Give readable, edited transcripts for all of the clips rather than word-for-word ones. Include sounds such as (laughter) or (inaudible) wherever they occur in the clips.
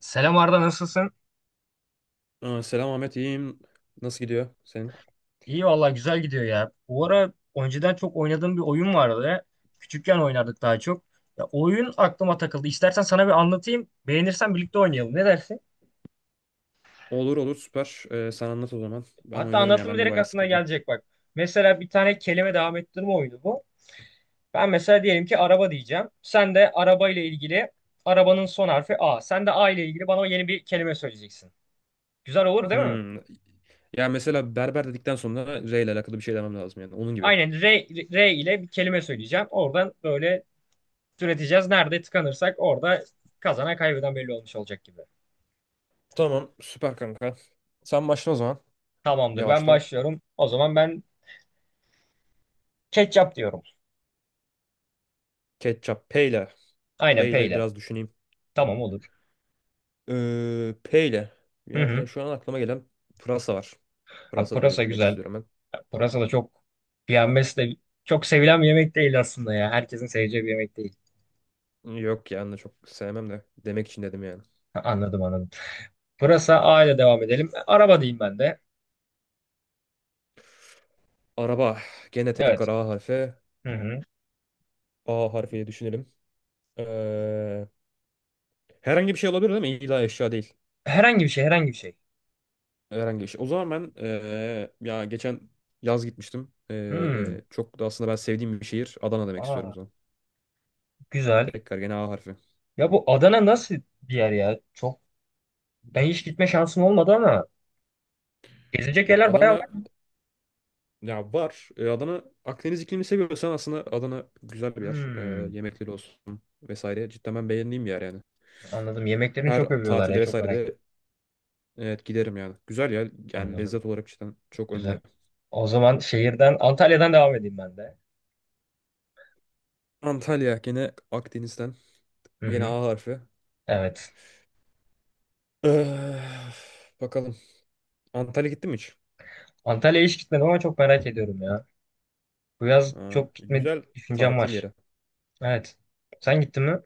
Selam Arda nasılsın? Aa, selam Ahmet, iyiyim. Nasıl gidiyor senin? İyi valla güzel gidiyor ya. Bu ara önceden çok oynadığım bir oyun vardı. Küçükken oynardık daha çok. Ya, oyun aklıma takıldı. İstersen sana bir anlatayım. Beğenirsen birlikte oynayalım. Ne dersin? Olur olur, süper. Sen anlat o zaman. Ben Hatta oynarım ya. anlattım mı Ben de direkt bayağı aklına sıkıldım. gelecek bak. Mesela bir tane kelime devam ettirme oyunu bu. Ben mesela diyelim ki araba diyeceğim. Sen de araba ile ilgili arabanın son harfi A. Sen de A ile ilgili bana yeni bir kelime söyleyeceksin. Güzel olur değil mi? Hmm. Ya mesela berber dedikten sonra R ile alakalı bir şey demem lazım yani. Onun gibi. Aynen R, R ile bir kelime söyleyeceğim. Oradan böyle üreteceğiz. Nerede tıkanırsak orada kazanan kaybeden belli olmuş olacak gibi. Tamam süper kanka. Sen başla o zaman. Tamamdır, ben Yavaştan. başlıyorum. O zaman ben ketçap diyorum. Ketçap. P ile. Aynen P ile peyle. biraz düşüneyim. Tamam, olur. P ile. Hı Yani hı. şu an aklıma gelen pırasa var. Ha, Pırasa pırasa demek güzel. istiyorum Ya, pırasa da çok yenmesi de çok sevilen bir yemek değil aslında ya. Herkesin seveceği bir yemek değil. ben. Yok yani, çok sevmem de. Demek için dedim yani. Ha, anladım anladım. Pırasa A ile devam edelim. Araba diyeyim ben de. Araba. Gene tekrar Evet. A harfi. Hı hı. A harfiyle düşünelim. Eee, Herhangi bir şey olabilir değil mi? İlla eşya değil. Herhangi bir şey, herhangi bir şey. Herhangi bir şey. O zaman ben ya geçen yaz gitmiştim. Hmm. Çok da aslında ben sevdiğim bir şehir. Adana demek istiyorum o Aa, zaman. güzel. Tekrar gene A harfi. Ya bu Adana nasıl bir yer ya? Çok ben hiç gitme şansım olmadı ama gezilecek Ya yerler bayağı. Adana ya var. Adana, Akdeniz iklimini seviyorsan aslında Adana güzel bir yer. Hmm, Yemekleri olsun vesaire. Cidden ben beğendiğim bir yer yani. anladım. Yemeklerini Her çok övüyorlar ya. tatilde Çok vesaire merak de ettim. evet giderim yani. Güzel yer. Yani Anladım. lezzet olarak cidden çok önde. Güzel. O zaman şehirden, Antalya'dan devam edeyim ben de. Antalya gene Akdeniz'den. Hı Yine hı. A harfi. Evet. Eh, bakalım. Antalya gittin mi hiç? Antalya'ya hiç gitmedim ama çok merak ediyorum ya. Bu yaz Ha, çok gitme güzel düşüncem tatil var. yeri. Evet. Sen gittin mi?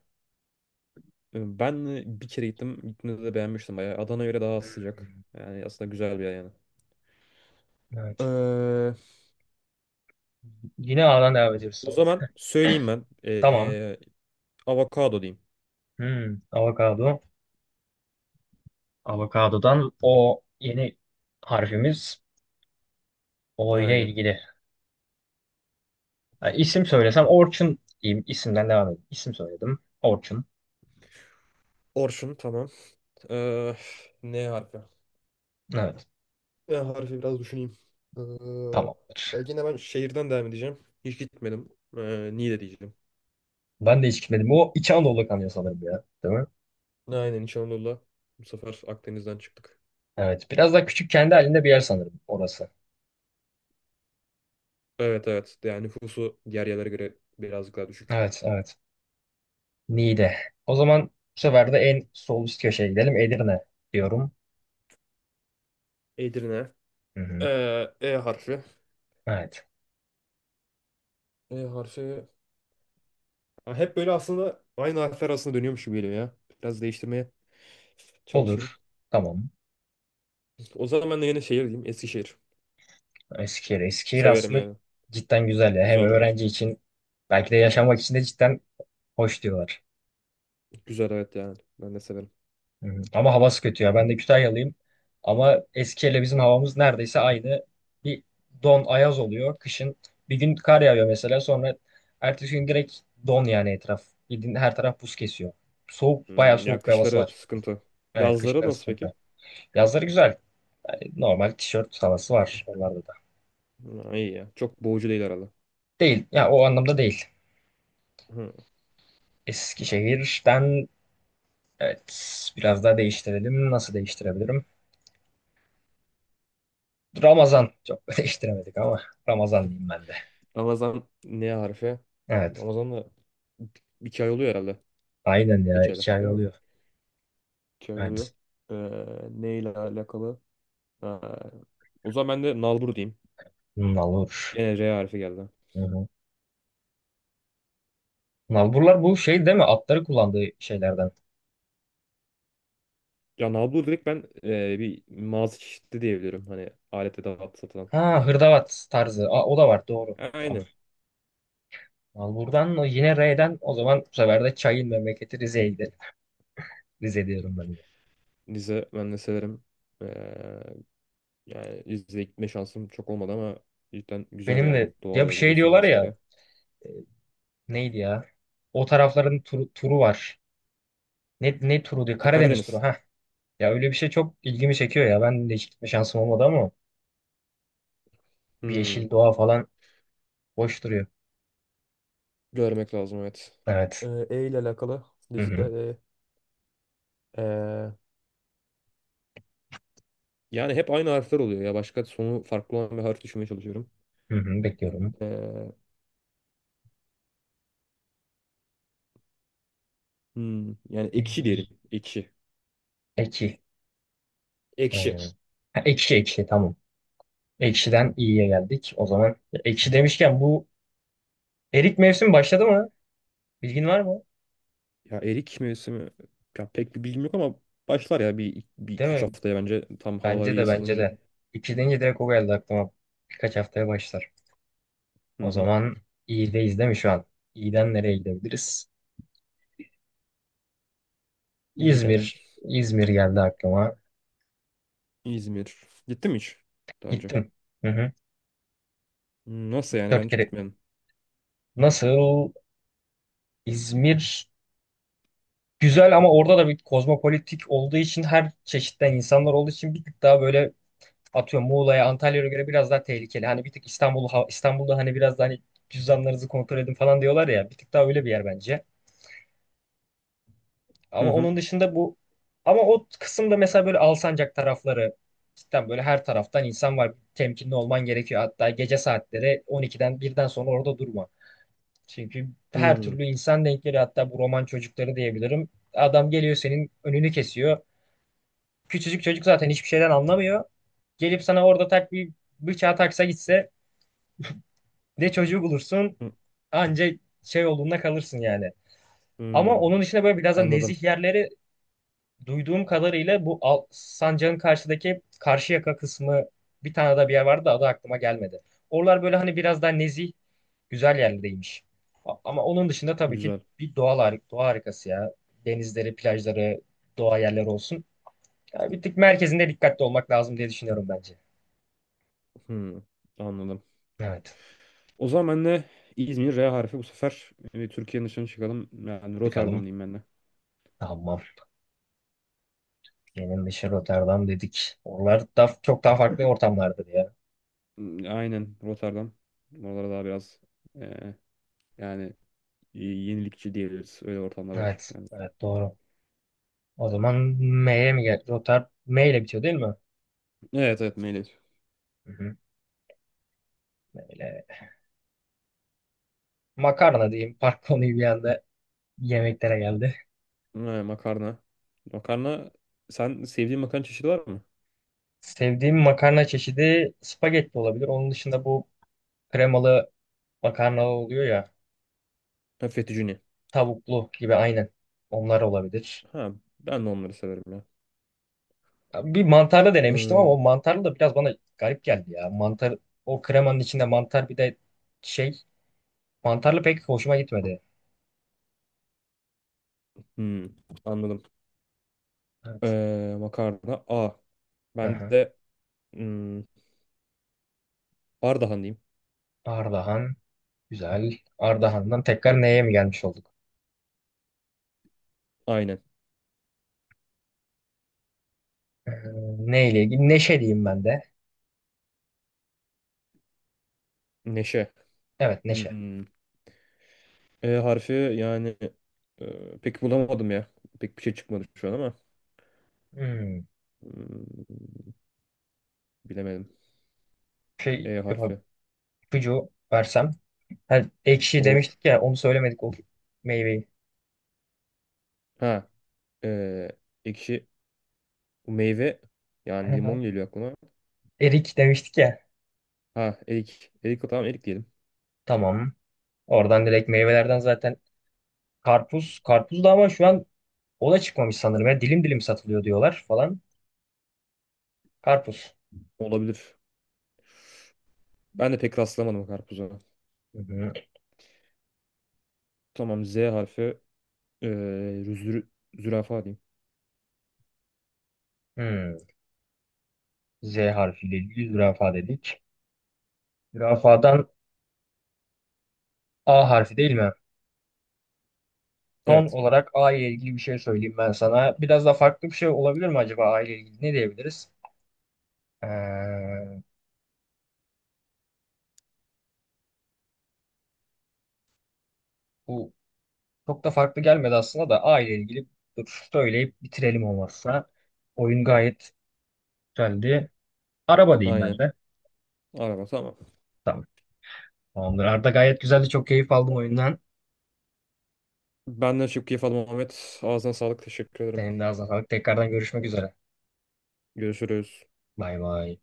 Ben bir kere gittim. Gittiğimde de beğenmiştim bayağı. Adana'ya göre daha az sıcak. Hmm, Yani aslında güzel bir yer yani. evet. Ee, Yine A'dan devam ediyoruz O sanırım. zaman söyleyeyim ben. Tamam. Avokado diyeyim. Hmm, avokado. Avokadodan o yeni harfimiz O ile Aynen. ilgili. Yani isim söylesem Orçun diyeyim. İsimden devam edeyim. İsim söyledim. Orçun. Orçun, tamam. Ee, N harfi. Evet. Ne harfi, biraz düşüneyim. Ee, Tamamdır. Ya yine ben şehirden devam edeceğim. Hiç gitmedim. Niğde diyeceğim. Ben de hiç gitmedim. O İç Anadolu kanıyor sanırım ya. Değil mi? Aynen, İç Anadolu'da. Bu sefer Akdeniz'den çıktık. Evet. Biraz daha küçük kendi halinde bir yer sanırım orası. Evet, evet. Yani nüfusu diğer yerlere göre birazcık daha düşük. Evet, evet. Niğde. O zaman bu sefer de en sol üst köşeye gidelim. Edirne diyorum. Edirne. Hı hı. E harfi. Evet. E harfi. Ha, hep böyle aslında aynı harfler arasında dönüyormuş gibi geliyor ya. Biraz değiştirmeye çalışayım. Olur. Tamam. O zaman ben de yine şehir diyeyim. Eskişehir. Eskişehir. Eskişehir Severim aslında yani. cidden güzel ya. Hem Güzel bir yer. öğrenci için belki de yaşamak için de cidden hoş diyorlar. Güzel, evet yani. Ben de severim. Hı hı. Ama havası kötü ya. Ben de Kütahyalıyım. Ama Eskişehir'le bizim havamız neredeyse aynı. Bir don ayaz oluyor. Kışın bir gün kar yağıyor mesela. Sonra ertesi gün direkt don, yani etraf. Bildiğin her taraf buz kesiyor. Soğuk, bayağı Ya soğuk bir havası kışları var. sıkıntı. Evet, Yazları kışları nasıl peki? sıkıntı. Yazları güzel. Yani normal tişört havası var onlarda da. Ha, iyi ya. Çok boğucu değil herhalde. Değil. Ya o anlamda değil. Hı. Eskişehir'den evet biraz daha değiştirelim. Nasıl değiştirebilirim? Ramazan. Çok (laughs) değiştiremedik ama Ramazan diyeyim ben de. Ramazan ne harfi? Evet. Ramazan da 2 ay oluyor herhalde. Aynen ya. Geçeli. 2 ay Değil mi? oluyor. Şey Evet. oluyor. Ee, Neyle alakalı? Ha, o zaman ben de nalbur diyeyim. Nalur. Gene R harfi geldi. Hı hı. Nalburlar bu şey değil mi? Atları kullandığı şeylerden. Ya nalbur direkt, ben bir mağaza çeşidi diyebilirim. Hani alet edat satılan. Ha, hırdavat tarzı. Aa, o da var. Doğru. Tamam. Aynen. Nalbur'dan o yine R'den o zaman bu sefer de çayın memleketi Rize'ye gidelim. (laughs) Rize diyorum ben de. Rize ben de severim. Ee, Yani Rize'ye gitme şansım çok olmadı ama cidden güzel Benim yani. de ya Doğal bir yerler şey olsun diyorlar ya, vesaire. neydi ya? O tarafların turu, turu var. Ne turu diyor? Ha, Karadeniz turu. Karadeniz. Ha. Ya öyle bir şey çok ilgimi çekiyor ya. Ben de hiç gitme şansım olmadı ama bir Hmm, yeşil doğa falan boş duruyor. Görmek lazım, evet. Evet. E ile alakalı. Hı hı. Rize. E, Yani hep aynı harfler oluyor ya. Başka sonu farklı olan bir harf düşünmeye çalışıyorum. Hı hı. Bekliyorum. Ee, Yani ekşi Eğil. diyelim. Ekşi. Eki. Hmm. Ekşi. Ha, ekşi ekşi tamam. Ekşiden iyiye geldik. O zaman ekşi demişken bu erik mevsim başladı mı? Bilgin var mı? Ya erik mevsimi mi? Ya pek bir bilgim yok ama başlar ya bir Değil iki üç mi? haftaya, bence tam havalar Bence iyi de, bence ısınınca. de. İki deyince direkt o geldi aklıma. Birkaç haftaya başlar. Hı O hı. zaman iyideyiz değil mi şu an? İyiden nereye gidebiliriz? İyiden. İzmir. İzmir geldi aklıma. İzmir. Gittim mi hiç daha önce? Gittim. Hı hı. Nasıl Üç yani, ben Dört hiç kere. gitmedim. Nasıl? İzmir güzel ama orada da bir kozmopolitik olduğu için, her çeşitten insanlar olduğu için, bir tık daha böyle atıyorum Muğla'ya, Antalya'ya göre biraz daha tehlikeli. Hani bir tık İstanbul, İstanbul'da hani biraz daha, hani cüzdanlarınızı kontrol edin falan diyorlar ya. Bir tık daha öyle bir yer bence. Hı Ama hı. onun dışında bu, ama o kısımda mesela böyle Alsancak tarafları cidden böyle her taraftan insan var. Temkinli olman gerekiyor. Hatta gece saatleri 12'den birden sonra orada durma. Çünkü her Hmm, türlü insan denk geliyor. Hatta bu roman çocukları diyebilirim. Adam geliyor, senin önünü kesiyor. Küçücük çocuk zaten hiçbir şeyden anlamıyor. Gelip sana orada tak bir bıçağı taksa gitse, bir de çocuğu bulursun hı, anca şey olduğunda, kalırsın yani. Ama hmm. onun dışında böyle biraz da Anladım. nezih yerleri duyduğum kadarıyla bu Sancak'ın karşıdaki Karşıyaka kısmı, bir tane daha bir yer vardı da adı aklıma gelmedi. Oralar böyle hani biraz daha nezih, güzel yerlerdeymiş. Ama onun dışında tabii ki Güzel. bir doğal doğa harikası ya. Denizleri, plajları, doğa yerleri olsun. Yani bir tık merkezinde dikkatli olmak lazım diye düşünüyorum bence. Hmm, anladım. Evet. O zaman ben de, İzmir R harfi, bu sefer Türkiye'nin dışına çıkalım. Yani Rotterdam Çıkalım. diyeyim ben de. Tamam. Benim dışı Rotterdam dedik. Oralar da çok daha farklı ortamlardır ya. Hmm, aynen, Rotterdam. Oralara daha biraz e, yani yenilikçi diyebiliriz. Öyle ortamlar var. Evet. Yani. Evet, doğru. O zaman M'ye mi gel? Rotter M ile bitiyor değil mi? Evet evet, meyve. Hı hı. M ile. Makarna diyeyim. (laughs) Park konuyu bir anda yemeklere geldi. Ha, makarna. Makarna, sen sevdiğin makarna çeşidi var mı? Sevdiğim makarna çeşidi spagetti olabilir. Onun dışında bu kremalı makarna oluyor ya. Ha, fettuccine. Tavuklu gibi aynen. Onlar olabilir. Ha, ben de onları severim ya. Bir mantarlı denemiştim ama Ee, o mantarlı da biraz bana garip geldi ya. Mantar o kremanın içinde mantar bir de şey, mantarlı pek hoşuma gitmedi. hmm, anladım. Evet. Makarna A. Ben Aha. de, hmm, Ardahan diyeyim. Ardahan. Güzel. Ardahan'dan tekrar neye mi gelmiş olduk? Aynen. Ee, Neyle ilgili? Neşe diyeyim ben de. Neşe. Evet, Neşe. Hmm. E harfi yani, pek bulamadım ya. Pek bir şey çıkmadı şu an ama. Hmm. Hmm, Bilemedim. Şey E harfi. yapab ipucu versem. Ha, ekşi Olur. demiştik ya, onu söylemedik o meyveyi. Ha. E, ekşi. Bu meyve yani, limon Aha. geliyor aklıma. Erik demiştik ya. Ha, erik. Erik, tamam, erik diyelim. Tamam. Oradan direkt meyvelerden zaten karpuz. Karpuz da ama şu an o da çıkmamış sanırım. Ya. Dilim dilim satılıyor diyorlar falan. Karpuz. Olabilir. Ben de pek rastlamadım karpuza. Hı hı. Tamam, Z harfi. E, zü- Zürafa diyeyim. Hmm. Z harfiyle ilgili zürafa dedik. Zürafadan A harfi değil mi? Son Evet. olarak A ile ilgili bir şey söyleyeyim ben sana. Biraz da farklı bir şey olabilir mi acaba A ile ilgili? Ne diyebiliriz? Ee, Bu çok da farklı gelmedi aslında da A ile ilgili, dur söyleyip bitirelim olmazsa. Oyun gayet güzeldi. Araba diyeyim ben Aynen. de. Araba, tamam. Tamam. Tamamdır. Arda, gayet güzeldi. Çok keyif aldım oyundan. Benden çok keyif aldım Ahmet. Ağzına sağlık. Teşekkür ederim. Senin de ağzına sağlık. Tekrardan görüşmek üzere. Görüşürüz. Bay bay.